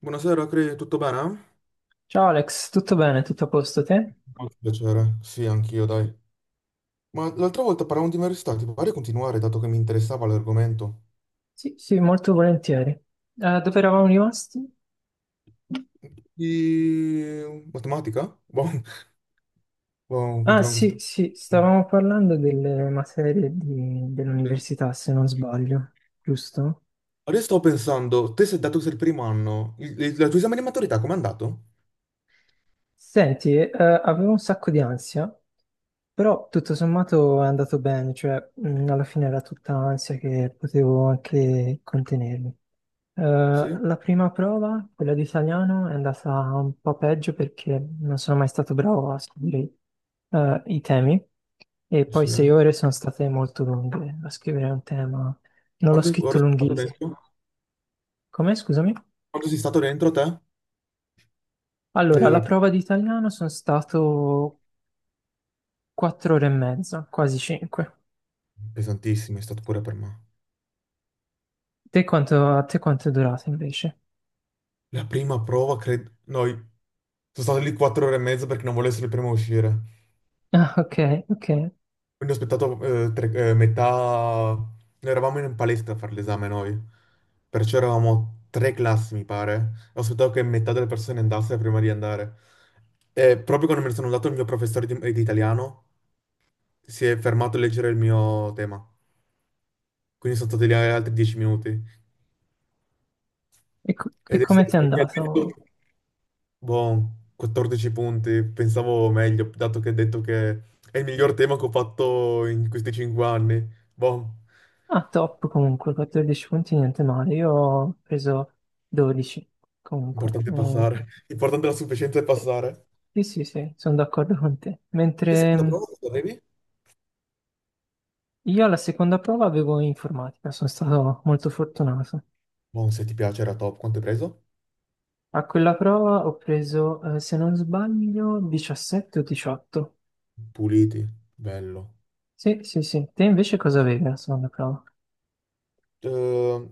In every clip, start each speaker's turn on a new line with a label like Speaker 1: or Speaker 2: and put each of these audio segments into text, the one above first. Speaker 1: Buonasera, Cri, tutto bene?
Speaker 2: Ciao Alex, tutto bene? Tutto a posto te?
Speaker 1: Molto piacere, sì, anch'io, dai. Ma l'altra volta parlavamo di università, ti pare continuare, dato che mi interessava l'argomento?
Speaker 2: Sì, sì, molto volentieri. Dove eravamo rimasti?
Speaker 1: Di matematica? Boh, boh,
Speaker 2: Ah,
Speaker 1: continuiamo
Speaker 2: sì,
Speaker 1: questo.
Speaker 2: sì,
Speaker 1: Sì.
Speaker 2: stavamo parlando delle materie dell'università, se non sbaglio, giusto?
Speaker 1: Adesso sto pensando, te sei dato che sei il primo anno, il, il tuo esame di maturità com'è andato?
Speaker 2: Senti, avevo un sacco di ansia, però tutto sommato è andato bene, cioè, alla fine era tutta ansia che potevo anche contenermi.
Speaker 1: Sì?
Speaker 2: La prima prova, quella di italiano, è andata un po' peggio perché non sono mai stato bravo a scrivere i temi, e poi
Speaker 1: Sì.
Speaker 2: 6 ore sono state molto lunghe a scrivere un tema. Non l'ho
Speaker 1: Quante
Speaker 2: scritto
Speaker 1: ore sei stato
Speaker 2: lunghissimo.
Speaker 1: dentro?
Speaker 2: Come, scusami?
Speaker 1: Quanto sei stato dentro te?
Speaker 2: Allora, la
Speaker 1: Eh,
Speaker 2: prova di italiano sono stato 4 ore e mezza, quasi cinque.
Speaker 1: Pesantissimo, è stato pure per me.
Speaker 2: A te quanto è durata invece?
Speaker 1: La prima prova, credo... Noi... Sono stato lì 4 ore e mezza perché non volevo essere il primo a uscire.
Speaker 2: Ah, ok, ok.
Speaker 1: Quindi ho aspettato metà... Noi eravamo in un palestra a fare l'esame noi, perciò eravamo 3 classi, mi pare. Ho aspettato che metà delle persone andasse prima di andare. E proprio quando me ne sono andato il mio professore di italiano si è fermato a leggere il mio tema. Quindi sono stati lì altri 10 minuti.
Speaker 2: E
Speaker 1: Ed è
Speaker 2: come
Speaker 1: stato,
Speaker 2: ti è
Speaker 1: e mi ha detto,
Speaker 2: andato?
Speaker 1: boh, 14 punti, pensavo meglio, dato che ha detto che è il miglior tema che ho fatto in questi 5 anni. Boh.
Speaker 2: Ah, top comunque, 14 punti, niente male. Io ho preso 12 comunque.
Speaker 1: Importante passare. Importante la sufficienza è passare.
Speaker 2: Sì, sì, sì, sono d'accordo con te.
Speaker 1: Te sei
Speaker 2: Mentre
Speaker 1: andato a prova quanto avevi?
Speaker 2: io alla seconda prova avevo informatica, sono stato molto fortunato.
Speaker 1: Buon, se ti piace era top. Quanto hai preso?
Speaker 2: A quella prova ho preso, se non sbaglio, 17 o 18.
Speaker 1: Puliti. Bello.
Speaker 2: Sì, sì, sì. Te invece cosa avevi alla seconda prova?
Speaker 1: Eh,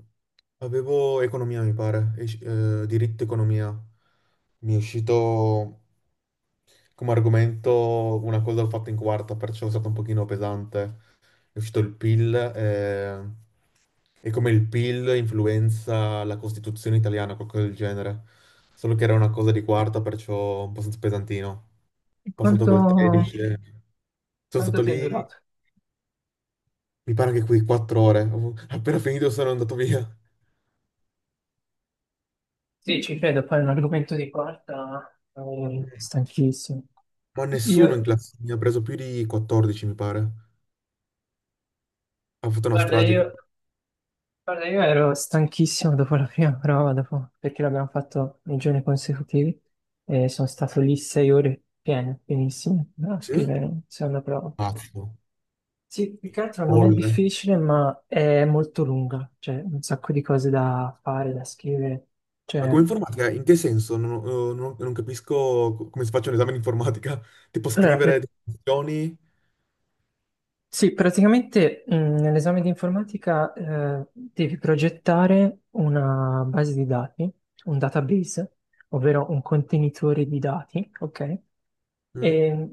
Speaker 1: avevo economia, mi pare. Diritto economia. Mi è uscito come argomento una cosa l'ho fatta in quarta, perciò è stato un pochino pesante. È uscito il PIL e come il PIL influenza la Costituzione italiana, qualcosa del genere. Solo che era una cosa di quarta, perciò un po' pesantino.
Speaker 2: E
Speaker 1: Passato
Speaker 2: quanto,
Speaker 1: col 13. Sono
Speaker 2: quanto
Speaker 1: stato
Speaker 2: ti è
Speaker 1: lì,
Speaker 2: durato?
Speaker 1: mi pare che qui 4 ore. Appena finito sono andato via.
Speaker 2: Sì, ci credo, poi è un argomento di quarta, stanchissimo.
Speaker 1: Ma nessuno in
Speaker 2: Io
Speaker 1: classe mi ha preso più di 14, mi pare. Ha fatto una
Speaker 2: Guarda,
Speaker 1: strage.
Speaker 2: io, guarda, io ero stanchissimo dopo la prima prova, perché l'abbiamo fatto nei giorni consecutivi e sono stato lì 6 ore piene, pienissime, a
Speaker 1: Sì?
Speaker 2: scrivere la seconda prova.
Speaker 1: Pazzo,
Speaker 2: Sì, più che altro non è
Speaker 1: folle.
Speaker 2: difficile, ma è molto lunga, cioè un sacco di cose da fare, da scrivere.
Speaker 1: Ma
Speaker 2: Cioè,
Speaker 1: come informatica, in che senso? Non capisco come si faccia un esame di informatica. Tipo
Speaker 2: allora,
Speaker 1: scrivere definizioni?
Speaker 2: sì, praticamente, nell'esame di informatica, devi progettare una base di dati, un database, ovvero un contenitore di dati, ok?
Speaker 1: Mm?
Speaker 2: E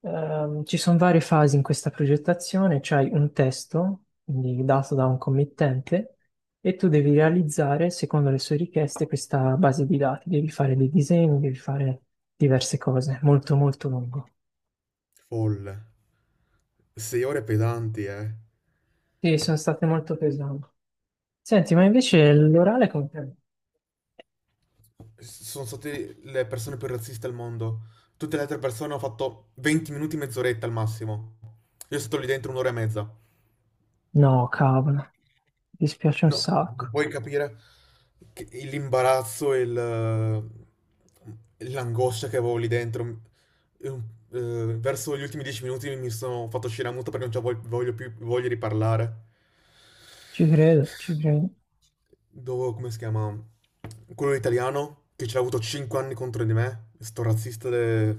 Speaker 2: ci sono varie fasi in questa progettazione, c'hai un testo, quindi dato da un committente, e tu devi realizzare, secondo le sue richieste, questa base di dati. Devi fare dei disegni, devi fare diverse cose, molto molto lungo.
Speaker 1: Folle. Sei ore pesanti, eh.
Speaker 2: Sì, sono state molto pesanti. Senti, ma invece l'orale come,
Speaker 1: Sono state le persone più razziste al mondo. Tutte le altre persone hanno fatto 20 minuti, mezz'oretta al massimo. Io sono stato lì dentro 1 ora e mezza.
Speaker 2: no, cavolo, mi dispiace un
Speaker 1: No, non
Speaker 2: sacco.
Speaker 1: puoi capire l'imbarazzo e l'angoscia che avevo lì dentro. E un- verso gli ultimi 10 minuti mi sono fatto uscire a muto perché non ci voglio, voglio più, voglio riparlare.
Speaker 2: Ci credo, ci credo.
Speaker 1: Dopo, come si chiama? Quello italiano che ce l'ha avuto 5 anni contro di me. Sto razzista de...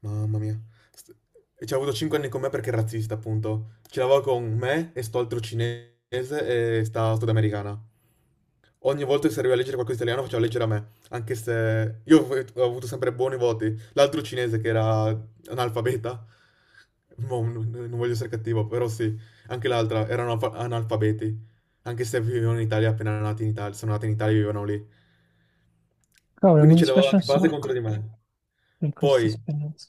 Speaker 1: Mamma mia. St- E ci ha avuto 5 anni con me perché è razzista, appunto. Ci lavora con me e sto altro cinese e sta sudamericana. Ogni volta che serviva a leggere qualcosa di italiano faceva leggere a me, anche se io ho avuto sempre buoni voti. L'altro cinese che era analfabeta, mo, non voglio essere cattivo, però sì, anche l'altra erano analfabeti, anche se vivevano in Italia appena nati in Italia, sono nati in Italia e vivevano lì.
Speaker 2: Cavolo,
Speaker 1: Quindi
Speaker 2: mi
Speaker 1: ce l'aveva
Speaker 2: dispiace un
Speaker 1: di base contro
Speaker 2: sacco
Speaker 1: di me.
Speaker 2: per questa
Speaker 1: Poi,
Speaker 2: esperienza.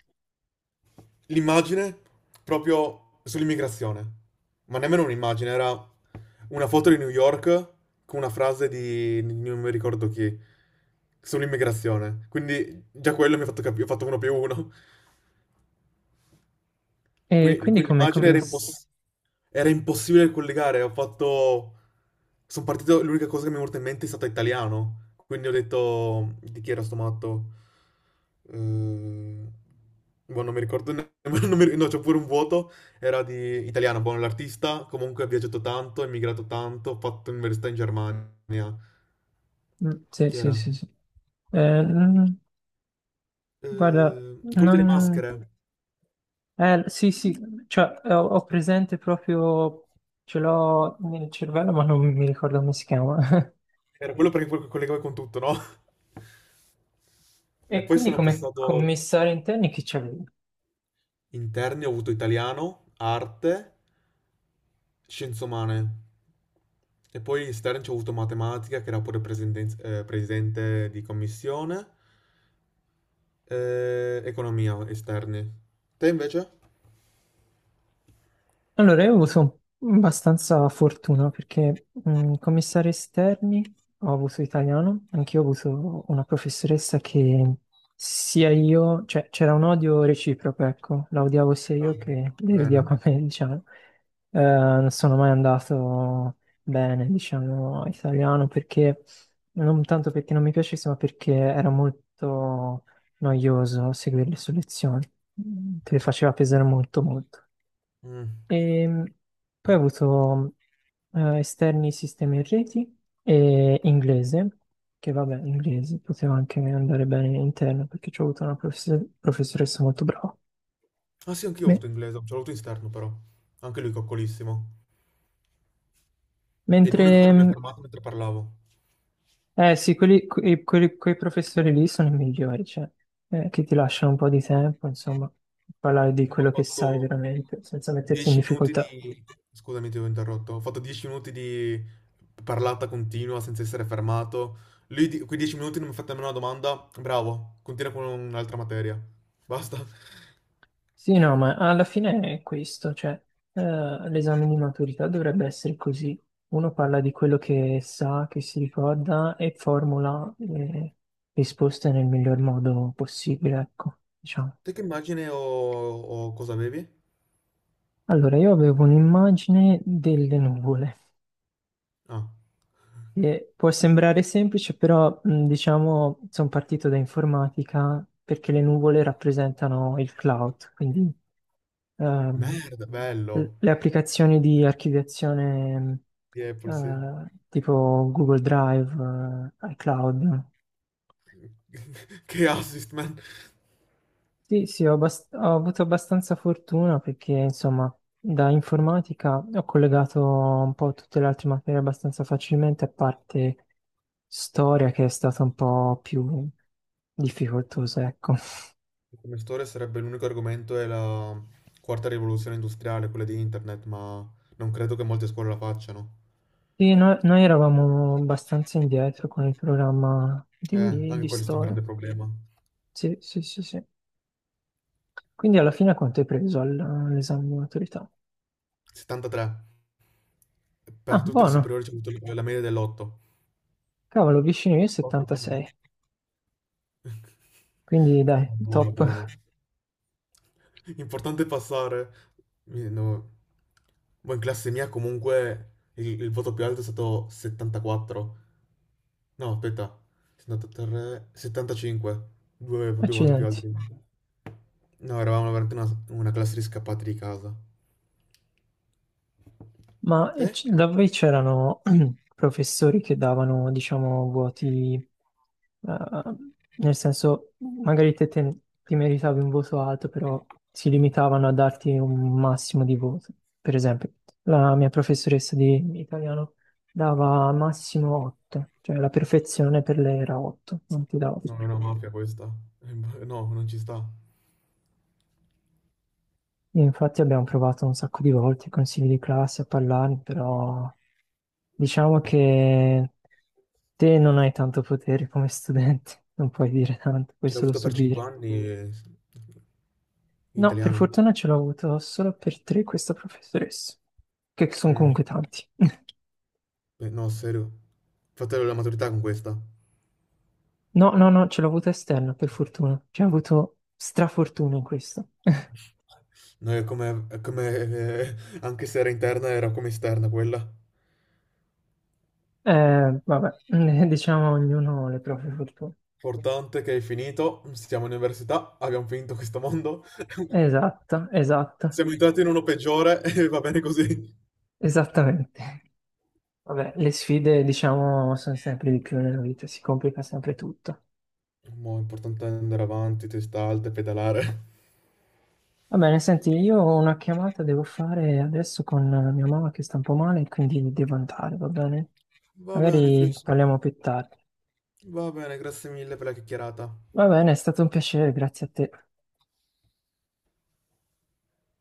Speaker 1: l'immagine proprio sull'immigrazione. Ma nemmeno un'immagine, era una foto di New York con una frase di non mi ricordo chi sull'immigrazione. Quindi già quello mi ha fatto capire, ho fatto uno più uno.
Speaker 2: E
Speaker 1: Quindi,
Speaker 2: quindi
Speaker 1: quindi
Speaker 2: come...
Speaker 1: l'immagine
Speaker 2: come...
Speaker 1: era,
Speaker 2: s-
Speaker 1: era impossibile collegare. Ho fatto. Sono partito. L'unica cosa che mi è venuta in mente è stato italiano. Quindi ho detto di chi era sto matto. Eh, boh, non mi ricordo non mi- No, c'ho pure un vuoto. Era di italiano. Buono l'artista. Comunque ha viaggiato tanto, è emigrato tanto. Ha fatto università in Germania.
Speaker 2: Sì,
Speaker 1: Chi
Speaker 2: sì,
Speaker 1: era?
Speaker 2: sì, sì. Eh, mm, Guarda,
Speaker 1: Eh, quello delle
Speaker 2: non,
Speaker 1: maschere.
Speaker 2: sì, sì, cioè ho presente proprio. Ce l'ho nel cervello, ma non mi ricordo come si chiama.
Speaker 1: Era quello perché poi collegava con tutto, no? E
Speaker 2: E
Speaker 1: poi
Speaker 2: quindi
Speaker 1: sono
Speaker 2: come
Speaker 1: passato.
Speaker 2: commissari interni chi c'è?
Speaker 1: Interni ho avuto italiano, arte, scienze umane. E poi esterni ci ho avuto matematica, che era pure presidente di commissione, economia esterni. Te invece?
Speaker 2: Allora, io ho avuto abbastanza fortuna perché, commissario esterni ho avuto italiano. Anch'io ho avuto una professoressa che, sia io, cioè c'era un odio reciproco, ecco, la odiavo sia
Speaker 1: Ah,
Speaker 2: io che lei
Speaker 1: bene.
Speaker 2: odiava me, diciamo. Non sono mai andato bene, diciamo, a italiano, perché non tanto perché non mi piacesse, ma perché era molto noioso seguire le sue lezioni, te le faceva pesare molto, molto.
Speaker 1: Mm.
Speaker 2: E poi ho avuto, esterni sistemi e reti e inglese, che vabbè, inglese poteva anche andare bene in interno perché ci ho avuto una professoressa molto brava.
Speaker 1: Ah sì, anch'io ho
Speaker 2: Me-
Speaker 1: avuto inglese, ce l'ho avuto in esterno però. Anche lui coccolissimo. È l'unico che
Speaker 2: Mentre,
Speaker 1: non mi ha fermato mentre parlavo.
Speaker 2: eh sì, quei professori lì sono i migliori, cioè, che ti lasciano un po' di tempo, insomma, parlare di
Speaker 1: Ho
Speaker 2: quello che sai
Speaker 1: fatto
Speaker 2: veramente, senza metterti in
Speaker 1: 10 minuti
Speaker 2: difficoltà.
Speaker 1: di... Scusami, ti ho interrotto. Ho fatto 10 minuti di parlata continua senza essere fermato. Lui, quei 10 minuti non mi ha fatto nemmeno una domanda. Bravo, continua con un'altra materia. Basta.
Speaker 2: Sì, no, ma alla fine è questo, cioè, l'esame di maturità dovrebbe essere così. Uno
Speaker 1: Mm.
Speaker 2: parla di quello che sa, che si ricorda, e formula le risposte nel miglior modo possibile, ecco, diciamo.
Speaker 1: Te che immagine o cosa avevi?
Speaker 2: Allora, io avevo un'immagine delle nuvole,
Speaker 1: Ah,
Speaker 2: che può sembrare semplice, però, diciamo sono partito da informatica perché le nuvole rappresentano il cloud, quindi, ehm,
Speaker 1: merda, bello.
Speaker 2: le applicazioni di archiviazione,
Speaker 1: Di Apple, sì.
Speaker 2: tipo Google Drive, iCloud.
Speaker 1: Che assist, man.
Speaker 2: Sì, sì, ho avuto abbastanza fortuna perché, insomma, da informatica ho collegato un po' tutte le altre materie abbastanza facilmente, a parte storia che è stata un po' più difficoltosa, ecco.
Speaker 1: Come storia sarebbe l'unico argomento è la quarta rivoluzione industriale, quella di internet, ma non credo che molte scuole la facciano.
Speaker 2: Sì, noi eravamo abbastanza indietro con il programma di,
Speaker 1: Anche
Speaker 2: di
Speaker 1: questo è un
Speaker 2: storia.
Speaker 1: grande problema.
Speaker 2: Sì, sì, sì, sì. Quindi alla fine quanto hai preso all'esame di maturità?
Speaker 1: 73. Per
Speaker 2: Ah,
Speaker 1: tutte le
Speaker 2: buono.
Speaker 1: superiori c'è avuto la media dell'8.
Speaker 2: Cavolo, vicino io
Speaker 1: 8,
Speaker 2: 76. Quindi dai,
Speaker 1: buono,
Speaker 2: top.
Speaker 1: buono. Importante passare. No. Ma in classe mia comunque il voto più alto è stato 74. No, aspetta, 73, 75, due, due volte più
Speaker 2: Accidenti.
Speaker 1: alti. No, eravamo veramente una classe di scappati di casa.
Speaker 2: Ma
Speaker 1: Te?
Speaker 2: da voi c'erano professori che davano, diciamo, voti, eh, nel senso, magari ti meritavi un voto alto, però si limitavano a darti un massimo di voto. Per esempio, la mia professoressa di italiano dava massimo 8, cioè la perfezione per lei era 8, non ti dava
Speaker 1: No, è
Speaker 2: più.
Speaker 1: una mafia questa. Boh, no, non ci sta.
Speaker 2: Io Infatti abbiamo provato un sacco di volte, i consigli di classe, a parlare, però diciamo che te non hai tanto potere come studente, non puoi dire tanto, puoi
Speaker 1: Ce l'ho
Speaker 2: solo
Speaker 1: avuto per 5
Speaker 2: subire.
Speaker 1: anni,
Speaker 2: No, per
Speaker 1: italiano.
Speaker 2: fortuna ce l'ho avuto solo per tre questa professoressa, che sono
Speaker 1: Mm.
Speaker 2: comunque tanti.
Speaker 1: Beh, no, serio. Fate la maturità con questa.
Speaker 2: No, no, no, ce l'ho avuta esterna, per fortuna. Ci ho avuto strafortuna in questo.
Speaker 1: No, è come, è come anche se era interna, era come esterna quella.
Speaker 2: Vabbè, diciamo ognuno le proprie fortune.
Speaker 1: Importante che hai finito, siamo in università, abbiamo finito questo mondo,
Speaker 2: Esatto, esatto,
Speaker 1: siamo entrati in uno peggiore e va bene così.
Speaker 2: esattamente. Vabbè, le sfide, diciamo, sono sempre di più nella vita, si complica sempre tutto.
Speaker 1: Mo' è importante andare avanti, testa alta e pedalare.
Speaker 2: Va bene, senti, io ho una chiamata devo fare adesso con mia mamma che sta un po' male, quindi devo andare, va bene?
Speaker 1: Va bene,
Speaker 2: Magari
Speaker 1: Chris.
Speaker 2: parliamo più tardi.
Speaker 1: Va bene, grazie mille per la chiacchierata.
Speaker 2: Va bene, è stato un piacere, grazie a te.